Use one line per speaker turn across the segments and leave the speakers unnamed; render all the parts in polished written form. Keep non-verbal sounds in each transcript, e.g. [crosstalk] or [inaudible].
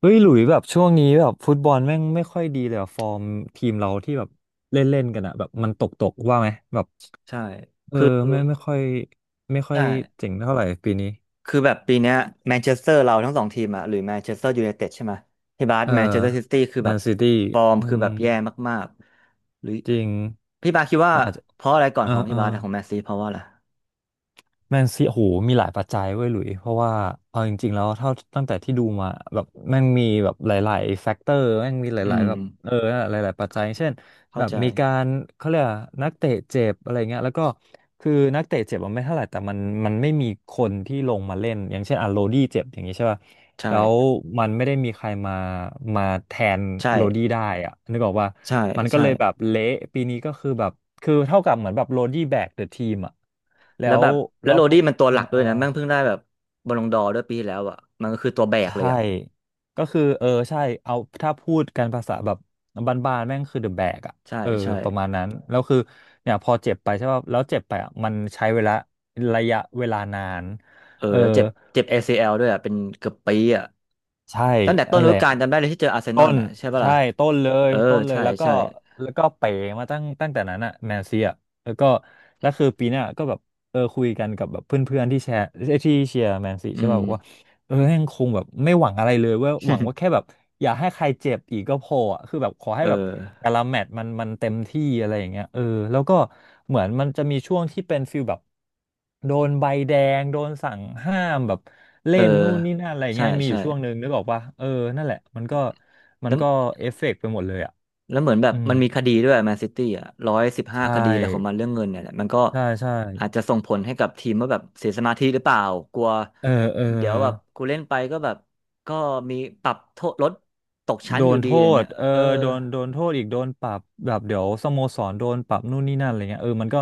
เฮ้ย หลุยแบบช่วงนี้แบบฟุตบอลแม่งไม่ค่อยดีเลยอะฟอร์มทีมเราที่แบบเล่นเล่นกันอะแบบมันตกว่าไหมแบบ
ใช่
เออ
คือ
ไม่ค่อยไม่ค่อย
ใช่
เจ๋งเท่าไหร่ปีนี้
คือแบบปีเนี้ยแมนเชสเตอร์เราทั้งสองทีมอะหรือแมนเชสเตอร์ยูไนเต็ดใช่ไหมที่บาส
เออ
แมนเชสเตอร์ซิตี้คือ
แม
แบบ
นซิตี้
ฟอร์ม
อื
คือ
ม
แบบแย่มากๆหรือ
จริง
พี่บาสคิดว่า
มันอาจจะ
เพราะอะไรก่อน
เออ
ของ
เอ
พี่
อ
บาสอะของแมนซีเพราะว่าอะไร
แมนซีโอ้โหมีหลายปัจจัยเว้ยหลุยเพราะว่าเอาจริงๆแล้วเท่าตั้งแต่ที่ดูมาแบบแม่งมีแบบหลายๆแฟกเตอร์แม่งมีห
อื
ลาย
ม
ๆแบบเออนั่นแหละหลายๆปัจจัยเช่น
เข้า
แบบ
ใจ
มีการเขาเรียกอะไรนักเตะเจ็บอะไรเงี้ยแล้วก็คือนักเตะเจ็บมันไม่เท่าไหร่แต่มันไม่มีคนที่ลงมาเล่นอย่างเช่นอ่ะโรดี้เจ็บอย่างงี้ใช่ป่ะ แล้ว
ใช่
มันไม่ได้มีใครมาแทนโรดี้
ใช่
ได้อะนึกออกว่า
ใช่
มันก็
ใช่
เลยแบบเละปีนี้ก็คือแบบคือเท่ากับเหมือนแบบโรดี้แบกเดอะทีมอะแล้
แล้ว
ว
แบบแล้
แล้
ว
ว
โร
พอ
ดี้มันตัว
เอ
ห
อ
ลัก
เอ
ด้ว
อ
ยนะแม่งเพิ่งได้แบบบอลลงดอร์ด้วยปีที่แล้วอะมันก็คือตัวแบกเลย
ใช่
อะ
ก็คือเออใช่เอาถ้าพูดกันภาษาแบบบ้านๆแม่งคือเดอะแบกอะ
ใช่
เออ
ใช่
ประมาณนั้นแล้วคือเนี่ยพอเจ็บไปใช่ป่ะแล้วเจ็บไปอะมันใช้เวลาระยะเวลานาน
เออ
เออ
แล้วเจ็บเจ็บ ACL ด้วยอ่ะเป็นเกือบปีอ่ะ
ใช่
ตั้งแต่ต้น
นั่น
ฤ
แห
ดู
ละ
กาลจำได้เลยที่เจออาร์เซน
ต้
อล
น
น่ะใช่ปะ
ใช่
ล่ะ
ต้นเล
เอ
ย
อ
ต้นเลย
ใช่
แล้วก็
ใช่
แล้วก็เป๋มาตั้งแต่นั้นอะแนนซี่อะแล้วก็แล้วคือปีหน้าก็แบบเออคุยกันกับแบบเพื่อนๆที่แชร์เอ้ยที่เชียร์แมนซี
อื
ใช่
ม
ป่ะบอกว่า เออแม่งคงแบบไม่หวังอะไรเลยเว่าหวังว่าแค่
[laughs]
แบบอย่าให้ใครเจ็บอีกก็พออะคือแบบขอให้
เอ
แบบแต่
อ
ละแมตช์มันเต็มที่อะไรอย่างเงี้ยเออแล้วก็เหมือนมันจะมีช่วงที่เป็นฟิลแบบโดนใบแดงโดนสั่งห้ามแบบ
เอ
เล่
อ
นนู่นนี่นั่นอะไรอย่าง
ใช่
เงี้ยมีอ
ใช่
ยู่ช่วงหนึ่งนึกออกปะเออนั่นแหละมันก็มั
แล้
น
ว
ก็เอฟเฟกต์ไปหมดเลยอ่ะ
แล้วเหมือนแบบ
อืม
มันมีคดีด้วยแมนซิตี้อ่ะ115
ใช่
คดีแล้วของมันเรื่องเงินเนี่ยแหละมันก็
ใช่ใช่
อาจจะส่งผลให้กับทีมว่าแบบเสียสมาธิหรือเปล่ากลัว
เออเออ
เดี๋ยวแบบกูเล่นไปก็แบบก็มีปรับโทษลดตกชั้
โด
นอยู่
น
ดี
โท
เลยเนี่
ษ
ย
เออ
เออ
โดนโทษอีกโดนปรับแบบเดี๋ยวสโมสรโดนปรับนู่นนี่นั่นอะไรเงี้ยเออมันก็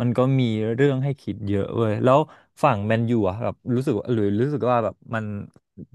มันก็มีเรื่องให้คิดเยอะเว้ยแล้วฝั่งแมนยูอะแบบรู้สึกว่าหรือรู้สึกว่าแบบมัน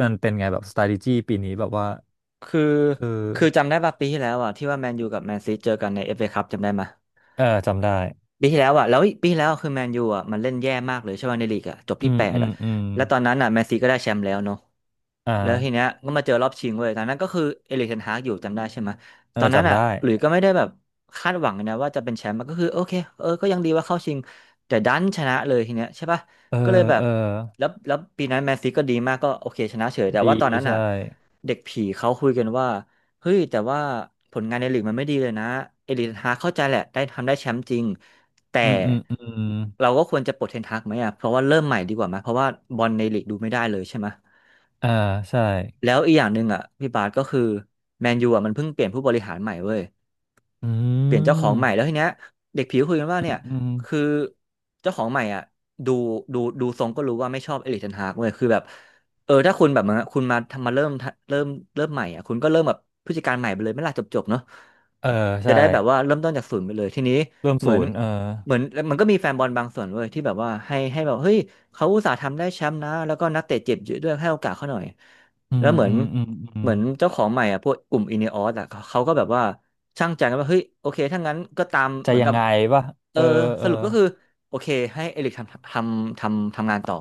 มันเป็นไงแบบ strategy ปีนี้แบบว่า
คือ
เออ
คือจำได้ป่ะปีที่แล้วอ่ะที่ว่าแมนยูกับแมนซีเจอกันในเอฟเอคัพจำได้ไหม
เออจำได้
ปีที่แล้วอ่ะแล้วปีที่แล้วคือแมนยูอ่ะมันเล่นแย่มากเลยใช่ไหมในลีกอ่ะจบ
อื
ที่
ม
แปด
อืม
อ่ะ
อืม
แล้วตอนนั้นอ่ะแมนซีก็ได้แชมป์แล้วเนาะ
อ่า
แล้วทีเนี้ยก็มาเจอรอบชิงเว้ยตอนนั้นก็คือเอริกเทนฮากอยู่จำได้ใช่ไหม
เอ
ต
อ
อนนั้น
จำ
อ่ะ
ได้
หลุยส์ก็ไม่ได้แบบคาดหวังเลยนะว่าจะเป็นแชมป์มันก็คือโอเคเออก็ยังดีว่าเข้าชิงแต่ดันชนะเลยทีเนี้ยใช่ป่ะ
เออ
ก็เลยแบบ
เออ
แล้วปีนั้นแมนซีก็ดีมากก็โอเคชนะเฉยแต่
ดี
ว่าตอนนั้น
ใช่
อ่ะเด็กผีเขาคุยกันว่าเฮ้ยแต่ว่าผลงานในลีกมันไม่ดีเลยนะเอริกเทนฮากเข้าใจแหละได้ทำได้แชมป์จริง แต่
อืม
เราก็ควรจะปลดเทนฮากไหมอ่ะเพราะว่าเริ่มใหม่ดีกว่าไหมเพราะว่าบอลในลีกดูไม่ได้เลยใช่ไหม
อ่าใช่
แล้วอีกอย่างหนึ่งอ่ะพี่บาสก็คือแมนยูอ่ะมันเพิ่งเปลี่ยนผู้บริหารใหม่เว้ย
อื
เปลี่ยนเจ้าขอ
ม
งใหม่แล้วทีเนี้ยเด็กผิวคุยกันว่าเนี่ย
อืม
คือเจ้าของใหม่อ่ะดูดูทรงก็รู้ว่าไม่ชอบเอริกเทนฮากเว้ยคือแบบเออถ้าคุณแบบมาคุณมาทำมาเริ่มเริ่มใหม่อ่ะคุณก็เริ่มแบบผู้จัดการใหม่ไปเลยไม่ล่ะจบเนาะ
เออ
จะ
ใช่
ได้แบบว่าเริ่มต้นจากศูนย์ไปเลยทีนี้
เริ่ม
เหมือ
ศู
น
นย์เออ
เหมือนมันก็มีแฟนบอลบางส่วนเว้ยที่แบบว่าให้แบบเฮ้ยเขาอุตส่าห์ทำได้แชมป์นะแล้วก็นักเตะเจ็บเยอะด้วยให้โอกาสเขาหน่อย
อื
แล้ว
ม
เหมือ
อื
น
มอืมอื
เห
ม
มือนเจ้าของใหม่อ่ะพวกกลุ่มอินเนออสอ่ะเขาก็แบบว่าช่างใจกันว่าเฮ้ยโอเคถ้างั้นก็ตาม
จะ
เหมือน
ยั
กั
ง
บ
ไงวะ
เอ
เอ
อ
อเอ
ส
อ
รุปก็คือโอเคให้เอริกทำงานต่อ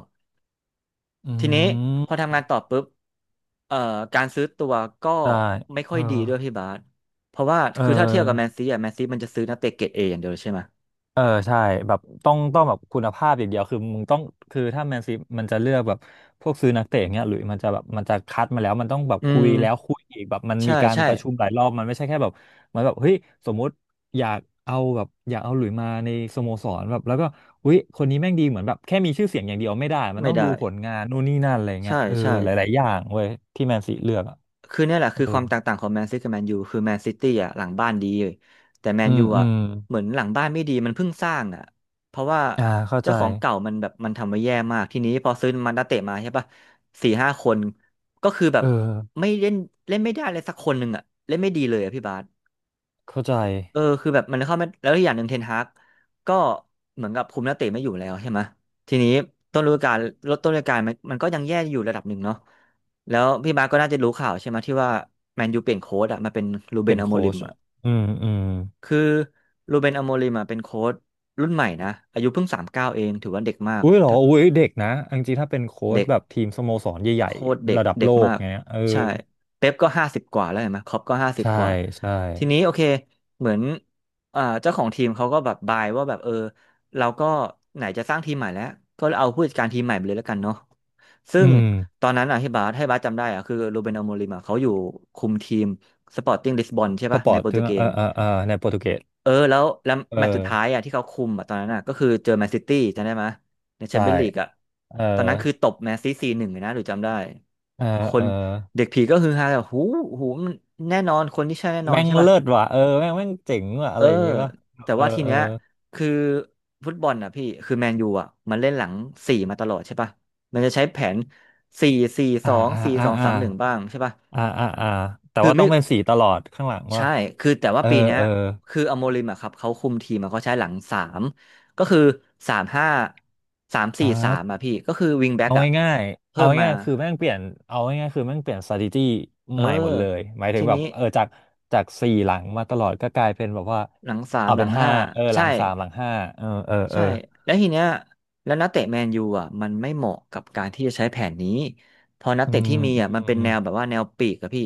อื
ทีนี้พอ
ม
ทำงานต่อปุ๊บเอ่อการซื้อตัวก็
ได้
ไม่
เอ
ค่อ
อ
ยดีด้วยพี่บาสเพราะว่า
เออ
คือถ้าเทียบกับแมนซีอ่ะแมนซีมันจะซื้อนักเตะเกรดเออย่างเดียวเลยใช่ไหม
เออใช่แบบต้องแบบคุณภาพอย่างเดียวคือมึงต้องคือถ้าแมนซีมันจะเลือกแบบพวกซื้อนักเตะอย่างเงี้ยหรือมันจะแบบมันจะคัดมาแล้วมันต้องแบบ
อื
คุ
ม
ยแล้วคุยอีกแบบมัน
ใช่
มีการ
ใช่
ประชุมหลายรอบมันไม่ใช่แค่แบบมันแบบเฮ้ยสมมุติอยากเอาแบบอยากเอาหลุยมาในสโมสรแบบแล้วก็อุ้ยคนนี้แม่งดีเหมือนแบบแค่มีชื่อเสียงอย่างเดียวไม่ได้มัน
ไม่
ต้องดู
ได้
ผลงานนู่นนี่นั่นอะไรเงี้
ใช่
ยเออ
ใช่
หลายๆอย่างเว้ยที่แมนซีเลือกอ่ะ
คือเนี่ยแหละ
เอ
คือ
อ
ความแตกต่างของแมนซิตี้กับแมนยูคือแมนซิตี้อ่ะหลังบ้านดีแต่แม
อื
นยู
มอื
อ่ะ
ม
เหมือนหลังบ้านไม่ดีมันเพิ่งสร้างอ่ะเพราะว่า
อ่าเข้าใจ
เจ้าของเก่ามันแบบมันทำไว้แย่มากทีนี้พอซื้อมันนักเตะมาใช่ปะสี่ห้าคนก็คือแบ
เอ
บ
อ
ไม่เล่นเล่นไม่ได้เลยสักคนหนึ่งอ่ะเล่นไม่ดีเลยอ่ะพี่บาส
เข้าใจ
เออคือแบบมันเข้าไม่แล้วอีกอย่างหนึ่งเทนฮากก็เหมือนกับคุมนักเตะไม่อยู่แล้วใช่ไหมทีนี้ต้นฤดูกาลลดต้นฤดูกาลมันก็ยังแย่อยู่ระดับหนึ่งเนาะแล้วพี่บาสก็น่าจะรู้ข่าวใช่ไหมที่ว่าแมนยูเปลี่ยนโค้ชอะมาเป็นรูเบ
เป็
น
น
อโม
โค้
ริม
ช
อะ
อะอืม
คือรูเบนอโมริมอะเป็นโค้ชรุ่นใหม่นะอายุเพิ่ง39เองถือว่าเด็กมาก
อุ้ยเหรอ
ถ้า
อุ้ยเด็กนะอองจริงถ้าเป็นโค้ช
เด็ก
แบบทีมสโมสรให
โค
ญ่
ตรเด็
ๆ
ก
ระดับ
เด็
โล
ก
ก
มาก
เงี้ยเออ
ใช่เป๊ปก็ห้าสิบกว่าแล้วเห็นไหมคล็อปก็ห้าสิบ
ใช่
กว่า
ใช่
ทีนี้โอเคเหมือนเจ้าของทีมเขาก็แบบบายว่าแบบเราก็ไหนจะสร้างทีมใหม่แล้วก็เอาผู้จัดการทีมใหม่ไปเลยแล้วกันเนาะซึ่
อื
ง
ม
ตอนนั้นอ่ะให้บาสจำได้อ่ะคือโรเบนอโมริมอ่ะเขาอยู่คุมทีมสปอร์ติ้งลิสบอนใช่
ส
ปะ
ปอ
ใน
ร์ต
โปร
ถึ
ตุ
ง
เก
เอ
ส
อเออเออในโปรตุเกส
เออแล้ว
เอ
แม
อ
ตช์สุดท้ายอ่ะที่เขาคุมอ่ะตอนนั้นอ่ะก็คือเจอแมนซิตี้จำได้ไหมยในแชม
ใช่
เปี้ยนลีกอ่ะ
เออ
ตอนนั้นคือตบแมนซตี้4-1เลยนะหรือจำได้
เออ
ค
เอ
น
อ
เด็กผีก็ฮือฮาแบบหูหูมันแน่นอนคนที่ใช่แน่นอน
แม่ง
ใช่ป่ะ
เลิศว่ะเออแม่งเจ๋งว่ะอะ
เออ
ไรอย่างงี้ป่ะ
แต่
เออ
ว่าที
เออ
เนี้ยคือฟุตบอลอ่ะพี่คือแมนยูอ่ะมันเล่นหลังสี่มาตลอดใช่ป่ะมันจะใช้แผนสี่สี่ส
อ่า
อง
อ่า
สี่
อ่า
สอง
อ่า
สามหนึ่งบ้างใช่ป่ะ
อ่าแต่
คือ
ว่าต้
ไม่
องเป็นสีตลอดข้างหลังว่ะ
ใช่ คือแต่ว่า
เออ
ปีเนี้ย
เออ
คืออโมริมอะครับเขาคุมทีมอะเขาใช้หลังสามก็คือสามห้าสาม
อ่
สี่สามอะ
า
พี่ก็คือวิงแบ็ก
เอา
อะ
ง่ายๆ
เพิ่
เอา
มมา
ง่ายๆคือแม่งเปลี่ยนเอาง่ายๆคือแม่งเปลี่ยน strategy
เออ
ใหม่หมดเลย หมายถึ
ที
งแบบ
นี้
เออจากจากสี่หลังมาตลอดก็กลายเป็นแบบว่า
หลังสาม
เอา
หลั
เป็น
ง
ห้า
ห้า
เออหลั
ใช่
งสามหลังห้าเออเออเอ
ใช่
อ
แล้วทีเนี้ยแล้วนักเตะแมนยูอ่ะมันไม่เหมาะกับการที่จะใช้แผนนี้พอนัก
อื
เตะ
ม
ที่มี
อื
อ่ะมันเป็น
ม
แนวแบบว่าแนวปีกอะพี่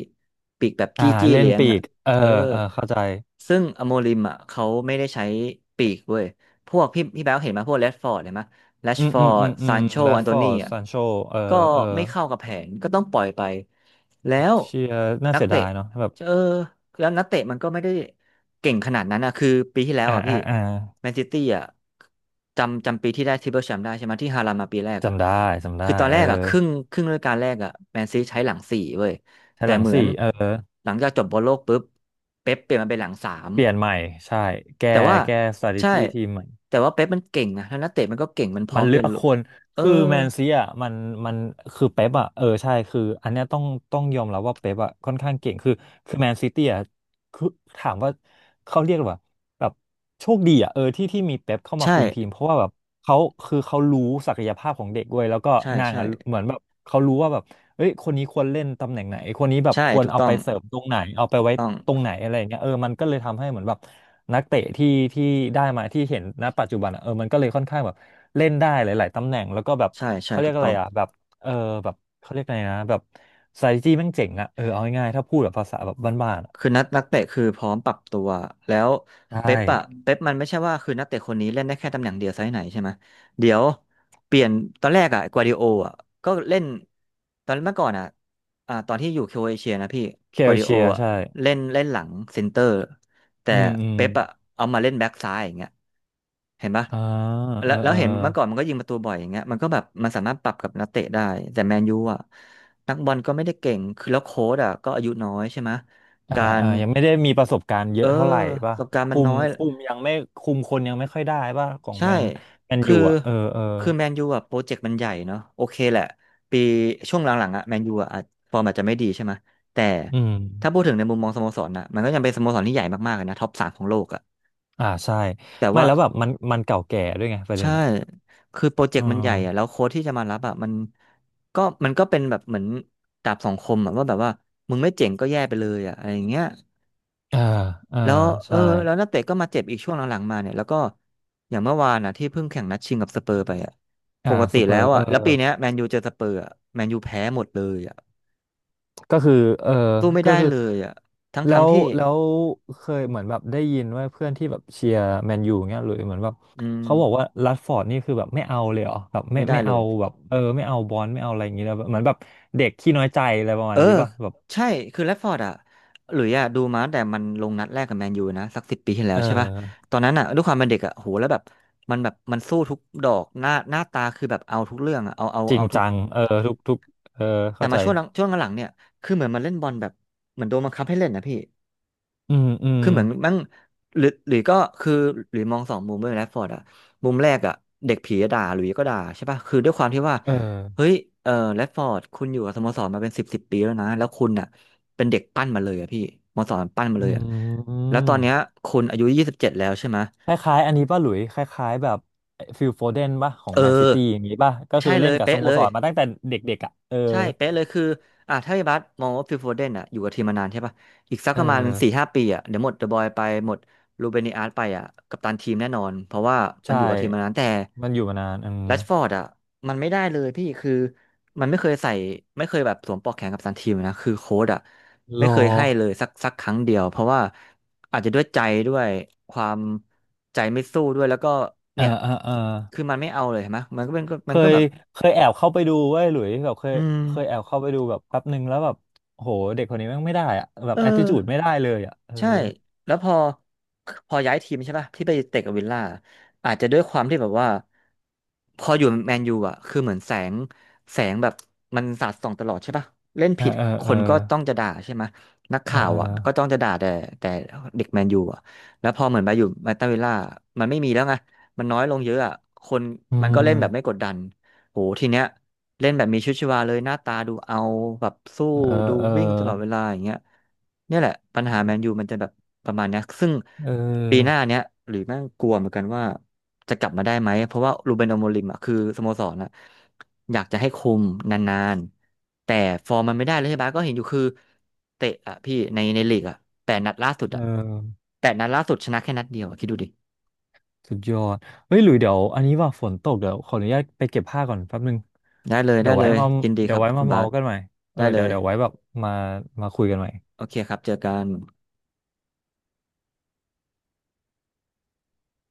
ปีกแบบ
อ่า
จี้จี้
เล่น
เลี้ยง
ปี
อ่ะ
กเออ
เออ
เออเข้าใจ
ซึ่งอโมริมอ่ะเขาไม่ได้ใช้ปีกเว้ยพวกพี่แบ๊วเห็นไหมพวกแรชฟอร์ดเห็นไหมแรช
อืม
ฟอ
อืม
ร์
อื
ด
มอื
ซา
ม
นโช
แร
อั
ช
นโต
ฟอ
นี
ร์ด
อ่ะ
ซานโชเออ
ก็
เออ
ไม่เข้ากับแผนก็ต้องปล่อยไปแล้ว
เชียร์น่า
นัก
เสีย
เตะ
ดายเนาะแบบ
เออแล้วนักเตะมันก็ไม่ได้เก่งขนาดนั้นนะคือปีที่แล้ว
อ่า
อ่ะพี่
อ่าอ่า
แมนซิตี้อ่ะจำปีที่ได้ทริปเปิลแชมป์ได้ใช่ไหมที่ฮาลาลมาปีแรกอ่ะ
จำได้จำได้
คือตอน
เอ
แร
อ
กอ่ะครึ่งฤดูกาลแรกอ่ะแมนซีใช้หลังสี่เว้ย
ใช้
แต่
หลัง
เหมือน
สี่เออ
หลังจากจบบอลโลกปุ๊บเป๊ปเปลี่ยนมาเป็นหลังสาม
เปลี่ยนใหม่ใช่แก้
แต่ว่า
แก้
ใช่
strategy ทีมใหม่
แต่ว่าเป๊ปมันเก่งนะแล้วนักเตะมันก็เก่งมันพร้
มั
อ
น
ม
เลื
เรีย
อ
น
ก
รู้
คน
เออ
คือแมนซีอ่ะมันมันคือเป๊ปอ่ะเออใช่คืออันเนี้ยต้องยอมรับว่าเป๊ปอ่ะค่อนข้างเก่งคือคือแมนซิตี้อ่ะ คือถามว่าเขาเรียกว่าแบบโชคดีอ่ะเออที่มีเป๊ปเข้ามา
ใช่
คุมทีมเพราะว่าแบบเขาคือเขารู้ศักยภาพของเด็กด้วยแล้วก็
ใช่
นาง
ใช่
อ่ะเหมือนแบบเขารู้ว่าแบบเอ้ยคนนี้ควรเล่นตำแหน่งไหนคนนี้แบบ
ใช่
ควร
ถูก
เอา
ต้อ
ไป
ง
เสริมตรงไหนเอาไป
ถูก
ไว้
ต้อง
ตรงไหนอะไรอย่างเงี้ยเออมันก็เลยทำให้เหมือนแบบนักเตะที่ได้มาที่เห็นณปัจจุบันอ่ะเออมันก็เลยค่อนข้างแบบเล่นได้หลายๆตำแหน่งแล้วก็แบบ
ใช่ใช่
เขาเรีย
ถู
ก
ก
อะ
ต้อ
ไร
ง
อ่ะแบบเออแบบเขาเรียกอะไรนะแบบ strategy แม่งเจ๋งอ่ะเออเอาง่ายๆถ้าพูดแบบภาษาแบบบ้านๆอะ
คือนักเตะคือพร้อมปรับตัวแล้ว
ใช่
เป๊ปอะเป๊ปมันไม่ใช่ว่าคือนักเตะคนนี้เล่นได้แค่ตำแหน่งเดียวไซส์ไหนใช่ไหมเดี๋ยวเปลี่ยนตอนแรกอะกัวดิโออะก็เล่นตอนเมื่อก่อนอะตอนที่อยู่โครเอเชียนะพี่
เค
กัว
ล
ดิโอ
เชียร์
อะ
ใช่
เล่นเล่นหลังเซนเตอร์แต่
อืมอืม
เป๊ปอะเอามาเล่นแบ็กซ้ายอย่างเงี้ยเห็นปะ
อ่าเอ
แล้
อ
วแล้
เอ
ว
อ
เห็นเมื่อก่อนมันก็ยิงประตูบ่อยอย่างเงี้ยมันก็แบบมันสามารถปรับกับนักเตะได้แต่แมนยูอะนักบอลก็ไม่ได้เก่งคือแล้วโค้ชอะก็อายุน้อยใช่ไหม
อ่า
การ
อ่ายังไม่ได้มีประสบการณ์เย
เออ
อะเท่าไหร่
ป
ป่ะ
ระสบการณ์มั
คุ
นน้
ม
อย
คุมยังไม่คุมคนยังไม่ค่อยได้ป่ะของ
ใช่
แมนแมน
คื
ยู
อ
อ่ะเออเออ
คือแมนยูอะโปรเจกต์มันใหญ่เนาะโอเคแหละปีช่วงหลังๆอะแมนยูอะอาจฟอร์มอาจจะไม่ดีใช่ไหมแต่
อืม
ถ้าพูดถึงในมุมมองสโมสรนะมันก็ยังเป็นสโมสรที่ใหญ่มากๆเลยนะท็อปสามของโลกอะ
อ่าใช่
แต่
ไม่
ว่า
แล้วแบบมันเก่าแก่ด้วยไงประเด็
ใช่
นอ่ะ
คือโปรเจก
เอ
ต์มันใหญ่อะแล้
อ
วโค้ชที่จะมารับอะมันก็เป็นแบบเหมือนดาบสองคมอะว่าแบบว่ามึงไม่เจ๋งก็แย่ไปเลยอะอะไรอย่างเงี้ย
เออเออ
แล้วเออ
ใช่
แล้วนักเตะก็มาเจ็บอีกช่วงหลังๆมาเนี่ยแล้วก็อย่างเมื่อวานนะที่เพิ่งแข่งนัดชิงกับสเปอร์ไปอ่ะป
อ่า
กติ
สเปอ
แล้
ร์
ว
เอ
อ่ะ
อ
แล้วปีเนี้ยแมนยูเจอสเปอร์อ่ะแมนยูแพ้หมดเลยอ่ะ
ก็คือ เออ
สู้ไม่
ก็
ได้
คือ
เลยอ่ะท
แล้
ั้ง
ว
ๆที่
แล้วเคยเหมือนแบบได้ยินว่าเพื่อนที่แบบเชียร์แมนยูเงี้ยหรือเหมือนแบบ
อืม
เขาบอกว่ารัชฟอร์ดนี่คือแบบไม่เอาเลยเหรอแบบไม่
ไม่ได้
ไม่
เล
เอา
ย
แบบเออไม่เอาบอลไม่เอาอะไรอย่างเงี้ยเลยเหมือนแบบเด็กขี้น้อยใจอะไรประ
เอ
มาณ
อ
นี้ป่ะแบบ
ใช่คือแรชฟอร์ดอ่ะหลุยอ่ะดูมาตั้งแต่มันลงนัดแรกกับแมนยูนะสักสิบปีที่แล้
เอ
วใช่ป่ะ
อ
ตอนนั้นอ่ะด้วยความเป็นเด็กอ่ะโหแล้วแบบมันสู้ทุกดอกหน้าหน้าตาคือแบบเอาทุกเรื่องอ่ะเอาเอา
จริ
เอา
ง
ทุ
จั
ก
งเออทุกทุกเออ
แต่
เข้า
มา
ใจ
ช่วงหลังช่วงหลังๆเนี่ยคือเหมือนมันเล่นบอลแบบเหมือนโดนบังคับให้เล่นนะพี่
อืมอืม
คือเหมือนมั่งหรือก็คือหรือมองสองมุมด้วยแรชฟอร์ดอะมุมแรกอะเด็กผีอะด่าหลุยส์ก็ด่าใช่ป่ะคือด้วยความที่ว่า
เออ
เฮ้ยเออแรชฟอร์ดคุณอยู่กับสโมสรมาเป็นสิบปีแล้วนะแล้วคุณอะเป็นเด็กปั้นมาเลยอะพี่สโมสรปั้นมา
อื
เลยอะแล้วตอ
ม
นเนี้ยคุณอายุ27แล้วใช่ไหมย
คล้ายๆอันนี้ป่ะหลุย คล้ายๆแบบฟิลโฟเดนป่ะของ
เออ
แมนซิตี้อย่างนี้ป่ะ ก็คื
ใช่
อ
เล
เล่น
ย
กับส
เป๊ะ
โม
เล
ส
ย
รมาตั้งแต่เด็กๆอ่ะเออ
ใช่เป๊ะเลยคืออ่ะถ้าพี่บัสมองว่าฟิลโฟเดนอ่ะอยู่กับทีมมานานใช่ป่ะอีกสัก
เออ
ประมาณ4 5 ปีอ่ะเดี๋ยวหมดเดอะบอยไปหมดรูเบน i อาร์ตไปอ่ะกัปตันทีมแน่นอนเพราะว่ามัน
ใช่
อยู่กับทีมมานานแต่
มันอยู่มานานอืม
แรชฟอร์ดอ่ะมันไม่ได้เลยพี่คือมันไม่เคยใส่ไม่เคยแบบสวมปลอกแขนกับตันทีมนะคือโค้ชอ่ะ
ร
ไม่
อ
เคยให้เลยสักครั้งเดียวเพราะว่าอาจจะด้วยใจด้วยความใจไม่สู้ด้วยแล้วก็
เออ
เนี่ย
เออเออ
คือมันไม่เอาเลยเห็นไหมมันก็เป็นก็
เค
มันก็
ย
แบบ
เคยแอบเข้าไปดูเว้ยหลุยแบบเคย
อืม
เคยแอบเข้าไปดูแบบแป๊บหนึ่งแล้วแบบโหเด็กคนนี้แม่งไม่ได้อะแบบ
เออ
แอ t ติจูดไม่ได้เลยอะเออ
ใช่แล้วพอ พอย้ายทีมใช่ป่ะที่ไปเตะกับวิลล่า อาจจะด้วยความที่แบบว่าพออยู่แมนยูอ่ะ คือเหมือนแสง แสงแบบมันสาดส่องตลอดใช่ป่ะ เล่น
เออ
ผิด
เออ
ค
เออ
นก็ต้องจะด่าใช่ไหมนัก
เออ
ข่าวอ่ะก็ต้องจะด่าแต่แต่เด็กแมนยูอ่ะแล้วพอเหมือนไปอยู่มาตาวิลล่ามันไม่มีแล้วไงมันน้อยลงเยอะอ่ะคน
อื
มันก็เล่นแบบไม่
ม
กดดันโหทีเนี้ย เล่นแบบมีชีวิตชีวาเลยหน้าตาดูเอาแบบสู้
เออ
ดู
เออ
วิ่งตลอดเวลาอย่างเงี้ยเนี่ยแหละปัญหาแมนยูมันจะแบบประมาณเนี้ยซึ่ง
เอ
ปีห
อ
น้าเนี้ยหรือแม่งกลัวเหมือนกันว่าจะกลับมาได้ไหมเพราะว่ารูเบนอโมริมอ่ะคือสโมสรอ่ะอยากจะให้คุมนานๆแต่ฟอร์มมันไม่ได้เลยใช่ปะก็เห็นอยู่คือเตะอ่ะพี่ในลีกอ่ะแปดนัดล่าสุด
เอ
อ่ะ
อ
แปดนัดล่าสุดชนะแค่นัดเดียวอะคิดดูดิ
สุดยอดเฮ้ยหลุยเดี๋ยวอันนี้ว่าฝนตกเดี๋ยวขออนุญาตไปเก็บผ้าก่อนแป๊บหนึ่ง
ได้เลย
เดี๋
ได้
ยว
เล
ไว้
ย
มา
ยินดีค
เดี๋ยว
รับ
ไว้
คุ
มา
ณบา
เมา
ส
กันใหม่เออ
ได้เล
เดี๋ยว
ย
เดี๋ยวไว้แบบมามาคุยกันใหม่
โอเคครับเจอกัน